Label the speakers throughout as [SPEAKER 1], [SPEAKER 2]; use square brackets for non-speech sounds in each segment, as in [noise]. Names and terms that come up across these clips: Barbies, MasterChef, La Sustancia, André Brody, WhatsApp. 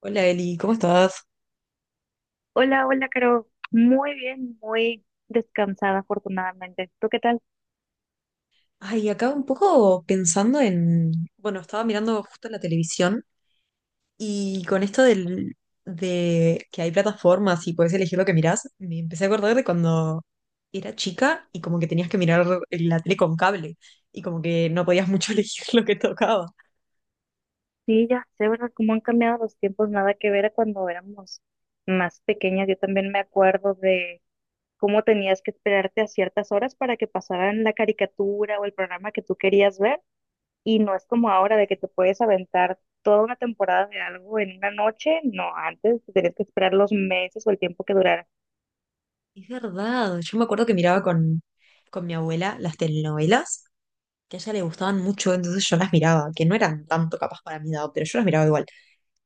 [SPEAKER 1] Hola Eli, ¿cómo estás?
[SPEAKER 2] Hola, hola, Caro. Muy bien, muy descansada, afortunadamente. ¿Tú qué tal?
[SPEAKER 1] Ay, acá un poco pensando en, bueno, estaba mirando justo la televisión y con esto de que hay plataformas y puedes elegir lo que mirás, me empecé a acordar de cuando era chica y como que tenías que mirar la tele con cable y como que no podías mucho [laughs] elegir lo que tocaba.
[SPEAKER 2] Sí, ya sé, ¿verdad? Cómo han cambiado los tiempos, nada que ver a cuando éramos más pequeñas. Yo también me acuerdo de cómo tenías que esperarte a ciertas horas para que pasaran la caricatura o el programa que tú querías ver. Y no es como ahora de que te puedes aventar toda una temporada de algo en una noche. No, antes te tenías que esperar los meses o el tiempo que durara.
[SPEAKER 1] Es verdad, yo me acuerdo que miraba con mi abuela las telenovelas, que a ella le gustaban mucho, entonces yo las miraba, que no eran tanto capaz para mi edad, pero yo las miraba igual.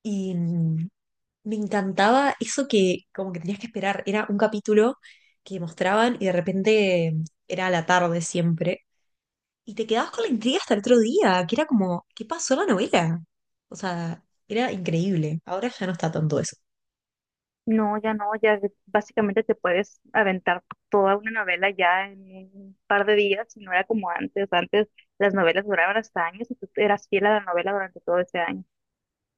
[SPEAKER 1] Y me encantaba eso que como que tenías que esperar. Era un capítulo que mostraban y de repente era a la tarde siempre. Y te quedabas con la intriga hasta el otro día, que era como, ¿qué pasó en la novela? O sea, era increíble. Ahora ya no está tanto eso.
[SPEAKER 2] No, ya no, básicamente te puedes aventar toda una novela ya en un par de días, y no era como antes. Antes las novelas duraban hasta años y tú eras fiel a la novela durante todo ese año.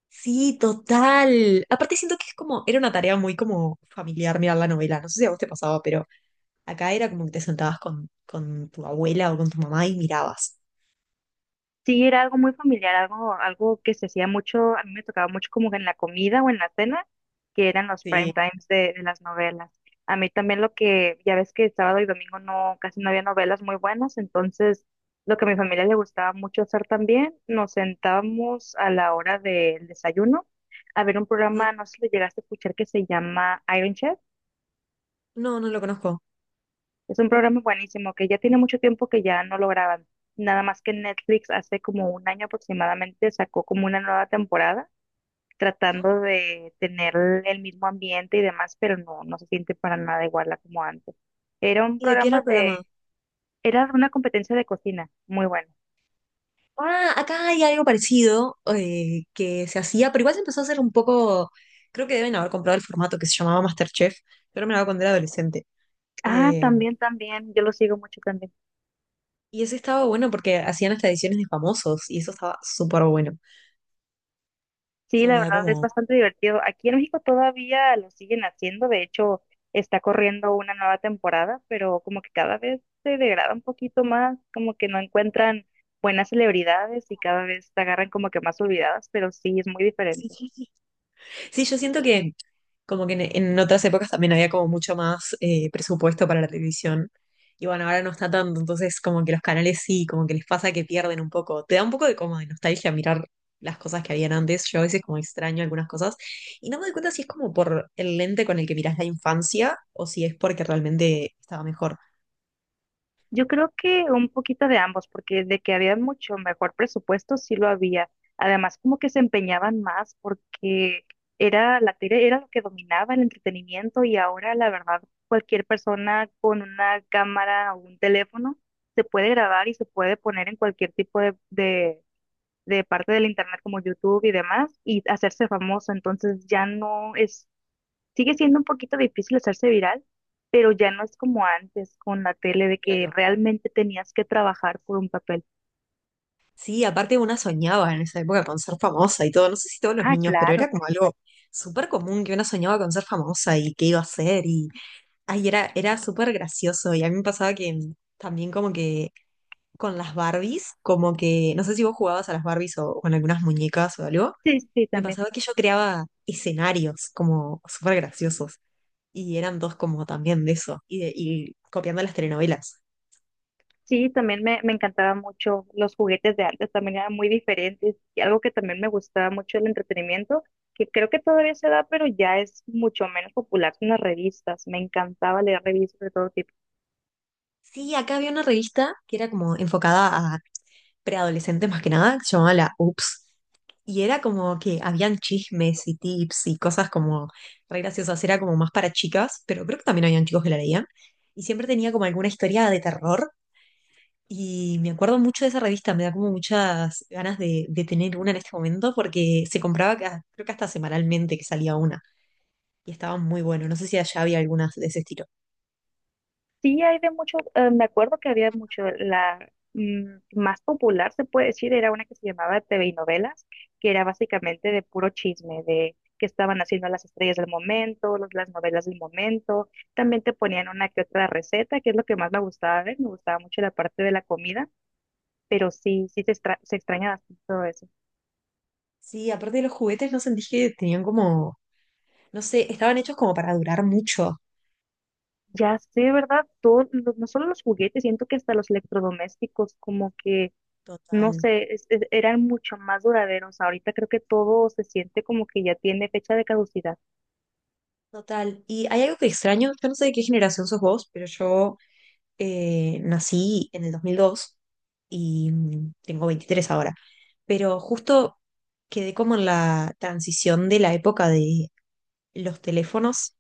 [SPEAKER 1] Sí, total. Aparte siento que es como, era una tarea muy como familiar mirar la novela. No sé si a vos te pasaba, pero acá era como que te sentabas con tu abuela o con tu mamá y mirabas.
[SPEAKER 2] Sí, era algo muy familiar, algo que se hacía mucho, a mí me tocaba mucho como en la comida o en la cena, que eran los
[SPEAKER 1] Sí.
[SPEAKER 2] prime times de las novelas. A mí también lo que, ya ves que sábado y domingo no, casi no había novelas muy buenas, entonces lo que a mi familia le gustaba mucho hacer también, nos sentábamos a la hora del desayuno a ver un
[SPEAKER 1] Ajá.
[SPEAKER 2] programa, no sé si lo llegaste a escuchar, que se llama Iron Chef.
[SPEAKER 1] No, no lo conozco.
[SPEAKER 2] Es un programa buenísimo que ya tiene mucho tiempo que ya no lo graban. Nada más que Netflix hace como un año aproximadamente sacó como una nueva temporada tratando de tener el mismo ambiente y demás, pero no, no se siente para nada igual a como antes. Era un
[SPEAKER 1] ¿Y de qué era el
[SPEAKER 2] programa de,
[SPEAKER 1] programa?
[SPEAKER 2] era una competencia de cocina, muy bueno.
[SPEAKER 1] Ah, acá hay algo parecido, que se hacía, pero igual se empezó a hacer un poco, creo que deben haber comprado el formato que se llamaba MasterChef, pero me lo hago cuando era adolescente.
[SPEAKER 2] Ah,
[SPEAKER 1] Eh,
[SPEAKER 2] también, también, yo lo sigo mucho también.
[SPEAKER 1] y ese estaba bueno porque hacían hasta ediciones de famosos y eso estaba súper bueno.
[SPEAKER 2] Sí,
[SPEAKER 1] Eso
[SPEAKER 2] la
[SPEAKER 1] me da
[SPEAKER 2] verdad es
[SPEAKER 1] como...
[SPEAKER 2] bastante divertido. Aquí en México todavía lo siguen haciendo, de hecho está corriendo una nueva temporada, pero como que cada vez se degrada un poquito más, como que no encuentran buenas celebridades y cada vez se agarran como que más olvidadas, pero sí es muy diferente.
[SPEAKER 1] [laughs] Sí, yo siento que como que en, otras épocas también había como mucho más, presupuesto para la televisión. Y bueno, ahora no está tanto, entonces como que los canales sí, como que les pasa que pierden un poco. Te da un poco de como de nostalgia mirar las cosas que habían antes. Yo a veces como extraño algunas cosas. Y no me doy cuenta si es como por el lente con el que mirás la infancia o si es porque realmente estaba mejor.
[SPEAKER 2] Yo creo que un poquito de ambos, porque de que había mucho mejor presupuesto, sí lo había. Además, como que se empeñaban más porque era la tele, era lo que dominaba el entretenimiento y ahora, la verdad, cualquier persona con una cámara o un teléfono se puede grabar y se puede poner en cualquier tipo de parte del internet como YouTube y demás y hacerse famoso. Entonces ya no es. Sigue siendo un poquito difícil hacerse viral, pero ya no es como antes con la tele de que
[SPEAKER 1] Claro.
[SPEAKER 2] realmente tenías que trabajar por un papel.
[SPEAKER 1] Sí, aparte una soñaba en esa época con ser famosa y todo. No sé si todos los
[SPEAKER 2] Ah,
[SPEAKER 1] niños, pero
[SPEAKER 2] claro.
[SPEAKER 1] era como algo súper común que una soñaba con ser famosa y qué iba a hacer. Y Ay, era, era súper gracioso y a mí me pasaba que, también como que con las Barbies, como que, no sé si vos jugabas a las Barbies o con algunas muñecas o algo,
[SPEAKER 2] Sí, sí,
[SPEAKER 1] me
[SPEAKER 2] también.
[SPEAKER 1] pasaba que yo creaba escenarios como súper graciosos y eran dos como también de eso y, y copiando las telenovelas.
[SPEAKER 2] Sí, también me encantaban mucho los juguetes de antes, también eran muy diferentes. Y algo que también me gustaba mucho el entretenimiento, que creo que todavía se da, pero ya es mucho menos popular son las revistas. Me encantaba leer revistas de todo tipo.
[SPEAKER 1] Sí, acá había una revista que era como enfocada a preadolescente más que nada, que se llamaba la UPS. Y era como que habían chismes y tips y cosas como re graciosas, era como más para chicas, pero creo que también habían chicos que la leían. Y siempre tenía como alguna historia de terror. Y me acuerdo mucho de esa revista, me da como muchas ganas de tener una en este momento porque se compraba, creo que hasta semanalmente que salía una, y estaba muy bueno. No sé si allá había algunas de ese estilo.
[SPEAKER 2] Sí, hay de mucho me acuerdo que había mucho, mm, más popular se puede decir, era una que se llamaba TV y Novelas, que era básicamente de puro chisme, de qué estaban haciendo las estrellas del momento, las novelas del momento, también te ponían una que otra receta, que es lo que más me gustaba ver, me gustaba mucho la parte de la comida, pero sí, se extraña bastante todo eso.
[SPEAKER 1] Sí, aparte de los juguetes, no sentí que tenían como, no sé, estaban hechos como para durar mucho.
[SPEAKER 2] Ya sé, ¿verdad? Todo, no solo los juguetes, siento que hasta los electrodomésticos, como que no
[SPEAKER 1] Total.
[SPEAKER 2] sé, eran mucho más duraderos. Ahorita creo que todo se siente como que ya tiene fecha de caducidad.
[SPEAKER 1] Total. Y hay algo que extraño, yo no sé de qué generación sos vos, pero yo, nací en el 2002 y, tengo 23 ahora, pero justo quedé como en la transición de la época de los teléfonos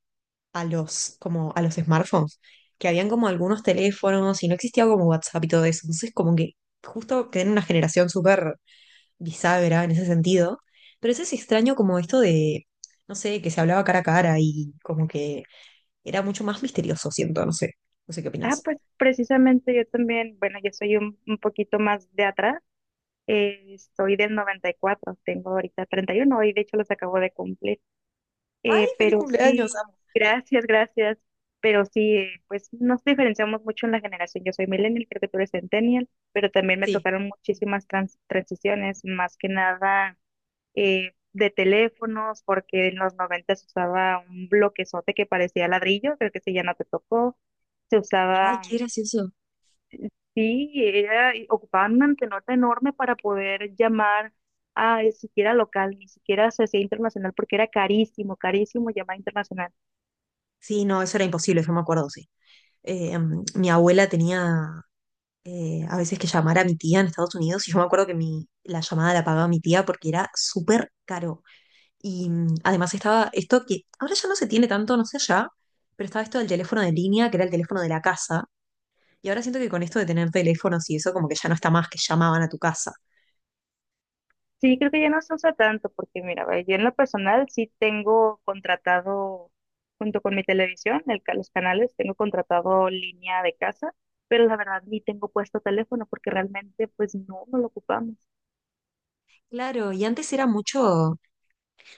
[SPEAKER 1] a los, como a los smartphones, que habían como algunos teléfonos y no existía como WhatsApp y todo eso, entonces como que justo quedé en una generación súper bisagra en ese sentido, pero eso es extraño como esto de, no sé, que se hablaba cara a cara y como que era mucho más misterioso, siento, no sé. No sé qué
[SPEAKER 2] Ah,
[SPEAKER 1] opinas.
[SPEAKER 2] pues precisamente yo también, bueno, yo soy un poquito más de atrás, soy del 94, tengo ahorita 31 y uno, hoy de hecho los acabo de cumplir.
[SPEAKER 1] ¡Ay,
[SPEAKER 2] Eh,
[SPEAKER 1] feliz
[SPEAKER 2] pero
[SPEAKER 1] cumpleaños,
[SPEAKER 2] sí,
[SPEAKER 1] amo!
[SPEAKER 2] gracias, gracias. Pero sí, pues nos diferenciamos mucho en la generación. Yo soy millennial, creo que tú eres centennial, pero también me
[SPEAKER 1] Sí.
[SPEAKER 2] tocaron muchísimas transiciones, más que nada de teléfonos, porque en los 90 se usaba un bloquezote que parecía ladrillo, creo que ese ya no te tocó. Se
[SPEAKER 1] Ay,
[SPEAKER 2] usaba,
[SPEAKER 1] qué
[SPEAKER 2] mm,
[SPEAKER 1] gracioso.
[SPEAKER 2] sí, era, y ocupaban una antenota enorme para poder llamar a siquiera local, ni siquiera se hacía internacional, porque era carísimo, carísimo llamar internacional.
[SPEAKER 1] Sí, no, eso era imposible, yo me acuerdo, sí. Mi abuela tenía, a veces que llamar a mi tía en Estados Unidos y yo me acuerdo que la llamada la pagaba mi tía porque era súper caro. Y, además estaba esto que ahora ya no se tiene tanto, no sé ya, pero estaba esto del teléfono de línea, que era el teléfono de la casa. Y ahora siento que con esto de tener teléfonos y eso como que ya no está más, que llamaban a tu casa.
[SPEAKER 2] Sí, creo que ya no se usa tanto porque, mira, ve, yo en lo personal sí tengo contratado, junto con mi televisión, el, los canales, tengo contratado línea de casa, pero la verdad ni tengo puesto teléfono porque realmente pues no, no lo ocupamos.
[SPEAKER 1] Claro, y antes era mucho,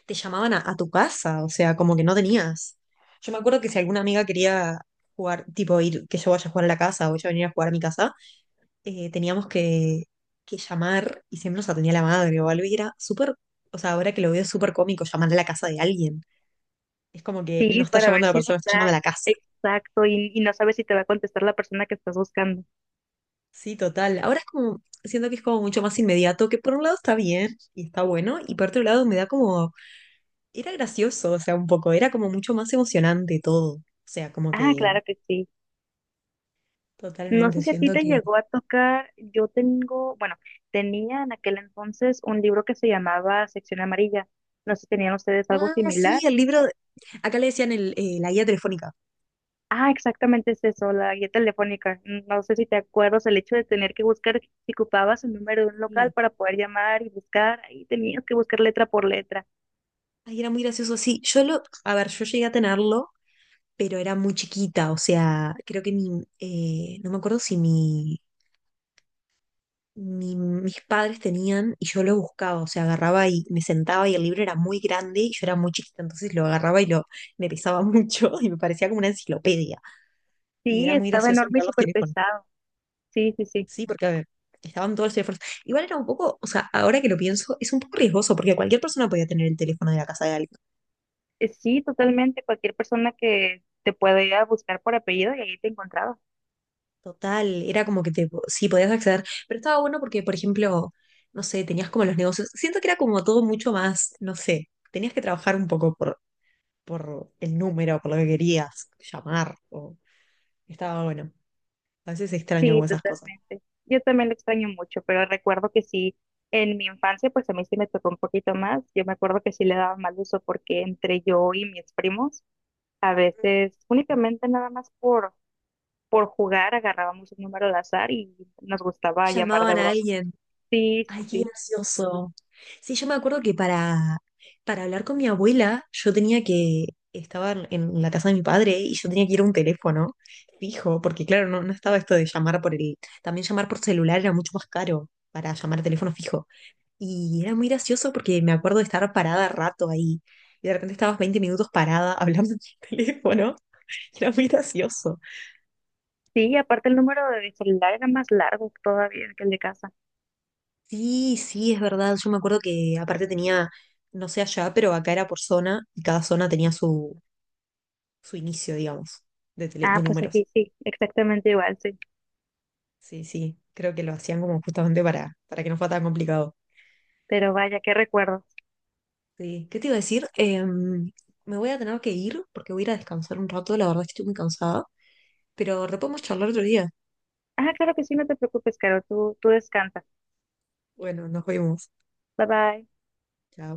[SPEAKER 1] te llamaban a tu casa, o sea, como que no tenías. Yo me acuerdo que si alguna amiga quería jugar, tipo ir, que yo vaya a jugar a la casa o ella venir a jugar a mi casa, teníamos que, llamar y siempre nos atendía la madre o algo y era súper, o sea, ahora que lo veo es súper cómico llamar a la casa de alguien. Es como que no
[SPEAKER 2] Sí,
[SPEAKER 1] está
[SPEAKER 2] para ver
[SPEAKER 1] llamando a la
[SPEAKER 2] si
[SPEAKER 1] persona, está llamando
[SPEAKER 2] está
[SPEAKER 1] a la casa.
[SPEAKER 2] exacto y no sabes si te va a contestar la persona que estás buscando.
[SPEAKER 1] Sí, total. Ahora es como, siento que es como mucho más inmediato, que por un lado está bien y está bueno, y por otro lado me da como, era gracioso, o sea, un poco, era como mucho más emocionante todo. O sea, como
[SPEAKER 2] Ah,
[SPEAKER 1] que
[SPEAKER 2] claro que sí. No sé
[SPEAKER 1] totalmente,
[SPEAKER 2] si a ti
[SPEAKER 1] siento
[SPEAKER 2] te
[SPEAKER 1] que...
[SPEAKER 2] llegó a tocar, yo tengo, bueno, tenía en aquel entonces un libro que se llamaba Sección Amarilla. No sé si tenían ustedes algo
[SPEAKER 1] Ah, sí,
[SPEAKER 2] similar.
[SPEAKER 1] el libro, acá le decían la guía telefónica.
[SPEAKER 2] Ah, exactamente es eso, la guía telefónica. No sé si te acuerdas el hecho de tener que buscar, si ocupabas el número de un local
[SPEAKER 1] Sí.
[SPEAKER 2] para poder llamar y buscar, ahí tenías que buscar letra por letra.
[SPEAKER 1] Ay, era muy gracioso, sí. Yo lo, a ver, yo llegué a tenerlo, pero era muy chiquita, o sea, creo que no me acuerdo si mis padres tenían y yo lo buscaba, o sea, agarraba y me sentaba y el libro era muy grande y yo era muy chiquita, entonces lo agarraba y me pesaba mucho [laughs] y me parecía como una enciclopedia. Y
[SPEAKER 2] Sí,
[SPEAKER 1] era muy
[SPEAKER 2] estaba
[SPEAKER 1] gracioso
[SPEAKER 2] enorme y
[SPEAKER 1] mirar los
[SPEAKER 2] súper
[SPEAKER 1] teléfonos.
[SPEAKER 2] pesado. Sí, sí, sí.
[SPEAKER 1] Sí, porque a ver, estaban todos los teléfonos. Igual era un poco, o sea, ahora que lo pienso, es un poco riesgoso porque cualquier persona podía tener el teléfono de la casa de alguien.
[SPEAKER 2] Sí, totalmente. Cualquier persona que te pueda ir a buscar por apellido y ahí te encontraba.
[SPEAKER 1] Total, era como que sí podías acceder, pero estaba bueno porque, por ejemplo, no sé, tenías como los negocios. Siento que era como todo mucho más, no sé, tenías que trabajar un poco por, el número, por lo que querías llamar, o estaba bueno. A veces extraño
[SPEAKER 2] Sí,
[SPEAKER 1] como esas cosas.
[SPEAKER 2] totalmente. Yo también lo extraño mucho, pero recuerdo que sí, en mi infancia, pues a mí sí me tocó un poquito más. Yo me acuerdo que sí le daba mal uso porque entre yo y mis primos a veces únicamente nada más por jugar agarrábamos un número al azar y nos gustaba llamar de
[SPEAKER 1] Llamaban a
[SPEAKER 2] broma.
[SPEAKER 1] alguien.
[SPEAKER 2] Sí, sí,
[SPEAKER 1] Ay, qué
[SPEAKER 2] sí.
[SPEAKER 1] gracioso. Sí, yo me acuerdo que para hablar con mi abuela, yo tenía que, estaba en la casa de mi padre y yo tenía que ir a un teléfono fijo, porque claro, no, no estaba esto de llamar también llamar por celular era mucho más caro para llamar a teléfono fijo. Y era muy gracioso porque me acuerdo de estar parada rato ahí y de repente estabas 20 minutos parada [laughs] hablando en el teléfono. Era muy gracioso.
[SPEAKER 2] Sí, aparte el número de celular era más largo todavía que el de casa.
[SPEAKER 1] Sí, sí, es verdad. Yo me acuerdo que aparte tenía, no sé allá, pero acá era por zona y cada zona tenía su, inicio, digamos, de, de
[SPEAKER 2] Ah, pues
[SPEAKER 1] números.
[SPEAKER 2] aquí sí, exactamente igual, sí.
[SPEAKER 1] Sí, sí, creo que lo hacían como justamente para que no fuera tan complicado.
[SPEAKER 2] Pero vaya, qué recuerdos.
[SPEAKER 1] Sí. ¿Qué te iba a decir? Me voy a tener que ir porque voy a ir a descansar un rato, la verdad es que estoy muy cansada, pero re podemos charlar otro día.
[SPEAKER 2] Ah, claro que sí, no te preocupes, Caro, tú descansa.
[SPEAKER 1] Bueno, nos vemos.
[SPEAKER 2] Bye bye.
[SPEAKER 1] Chao.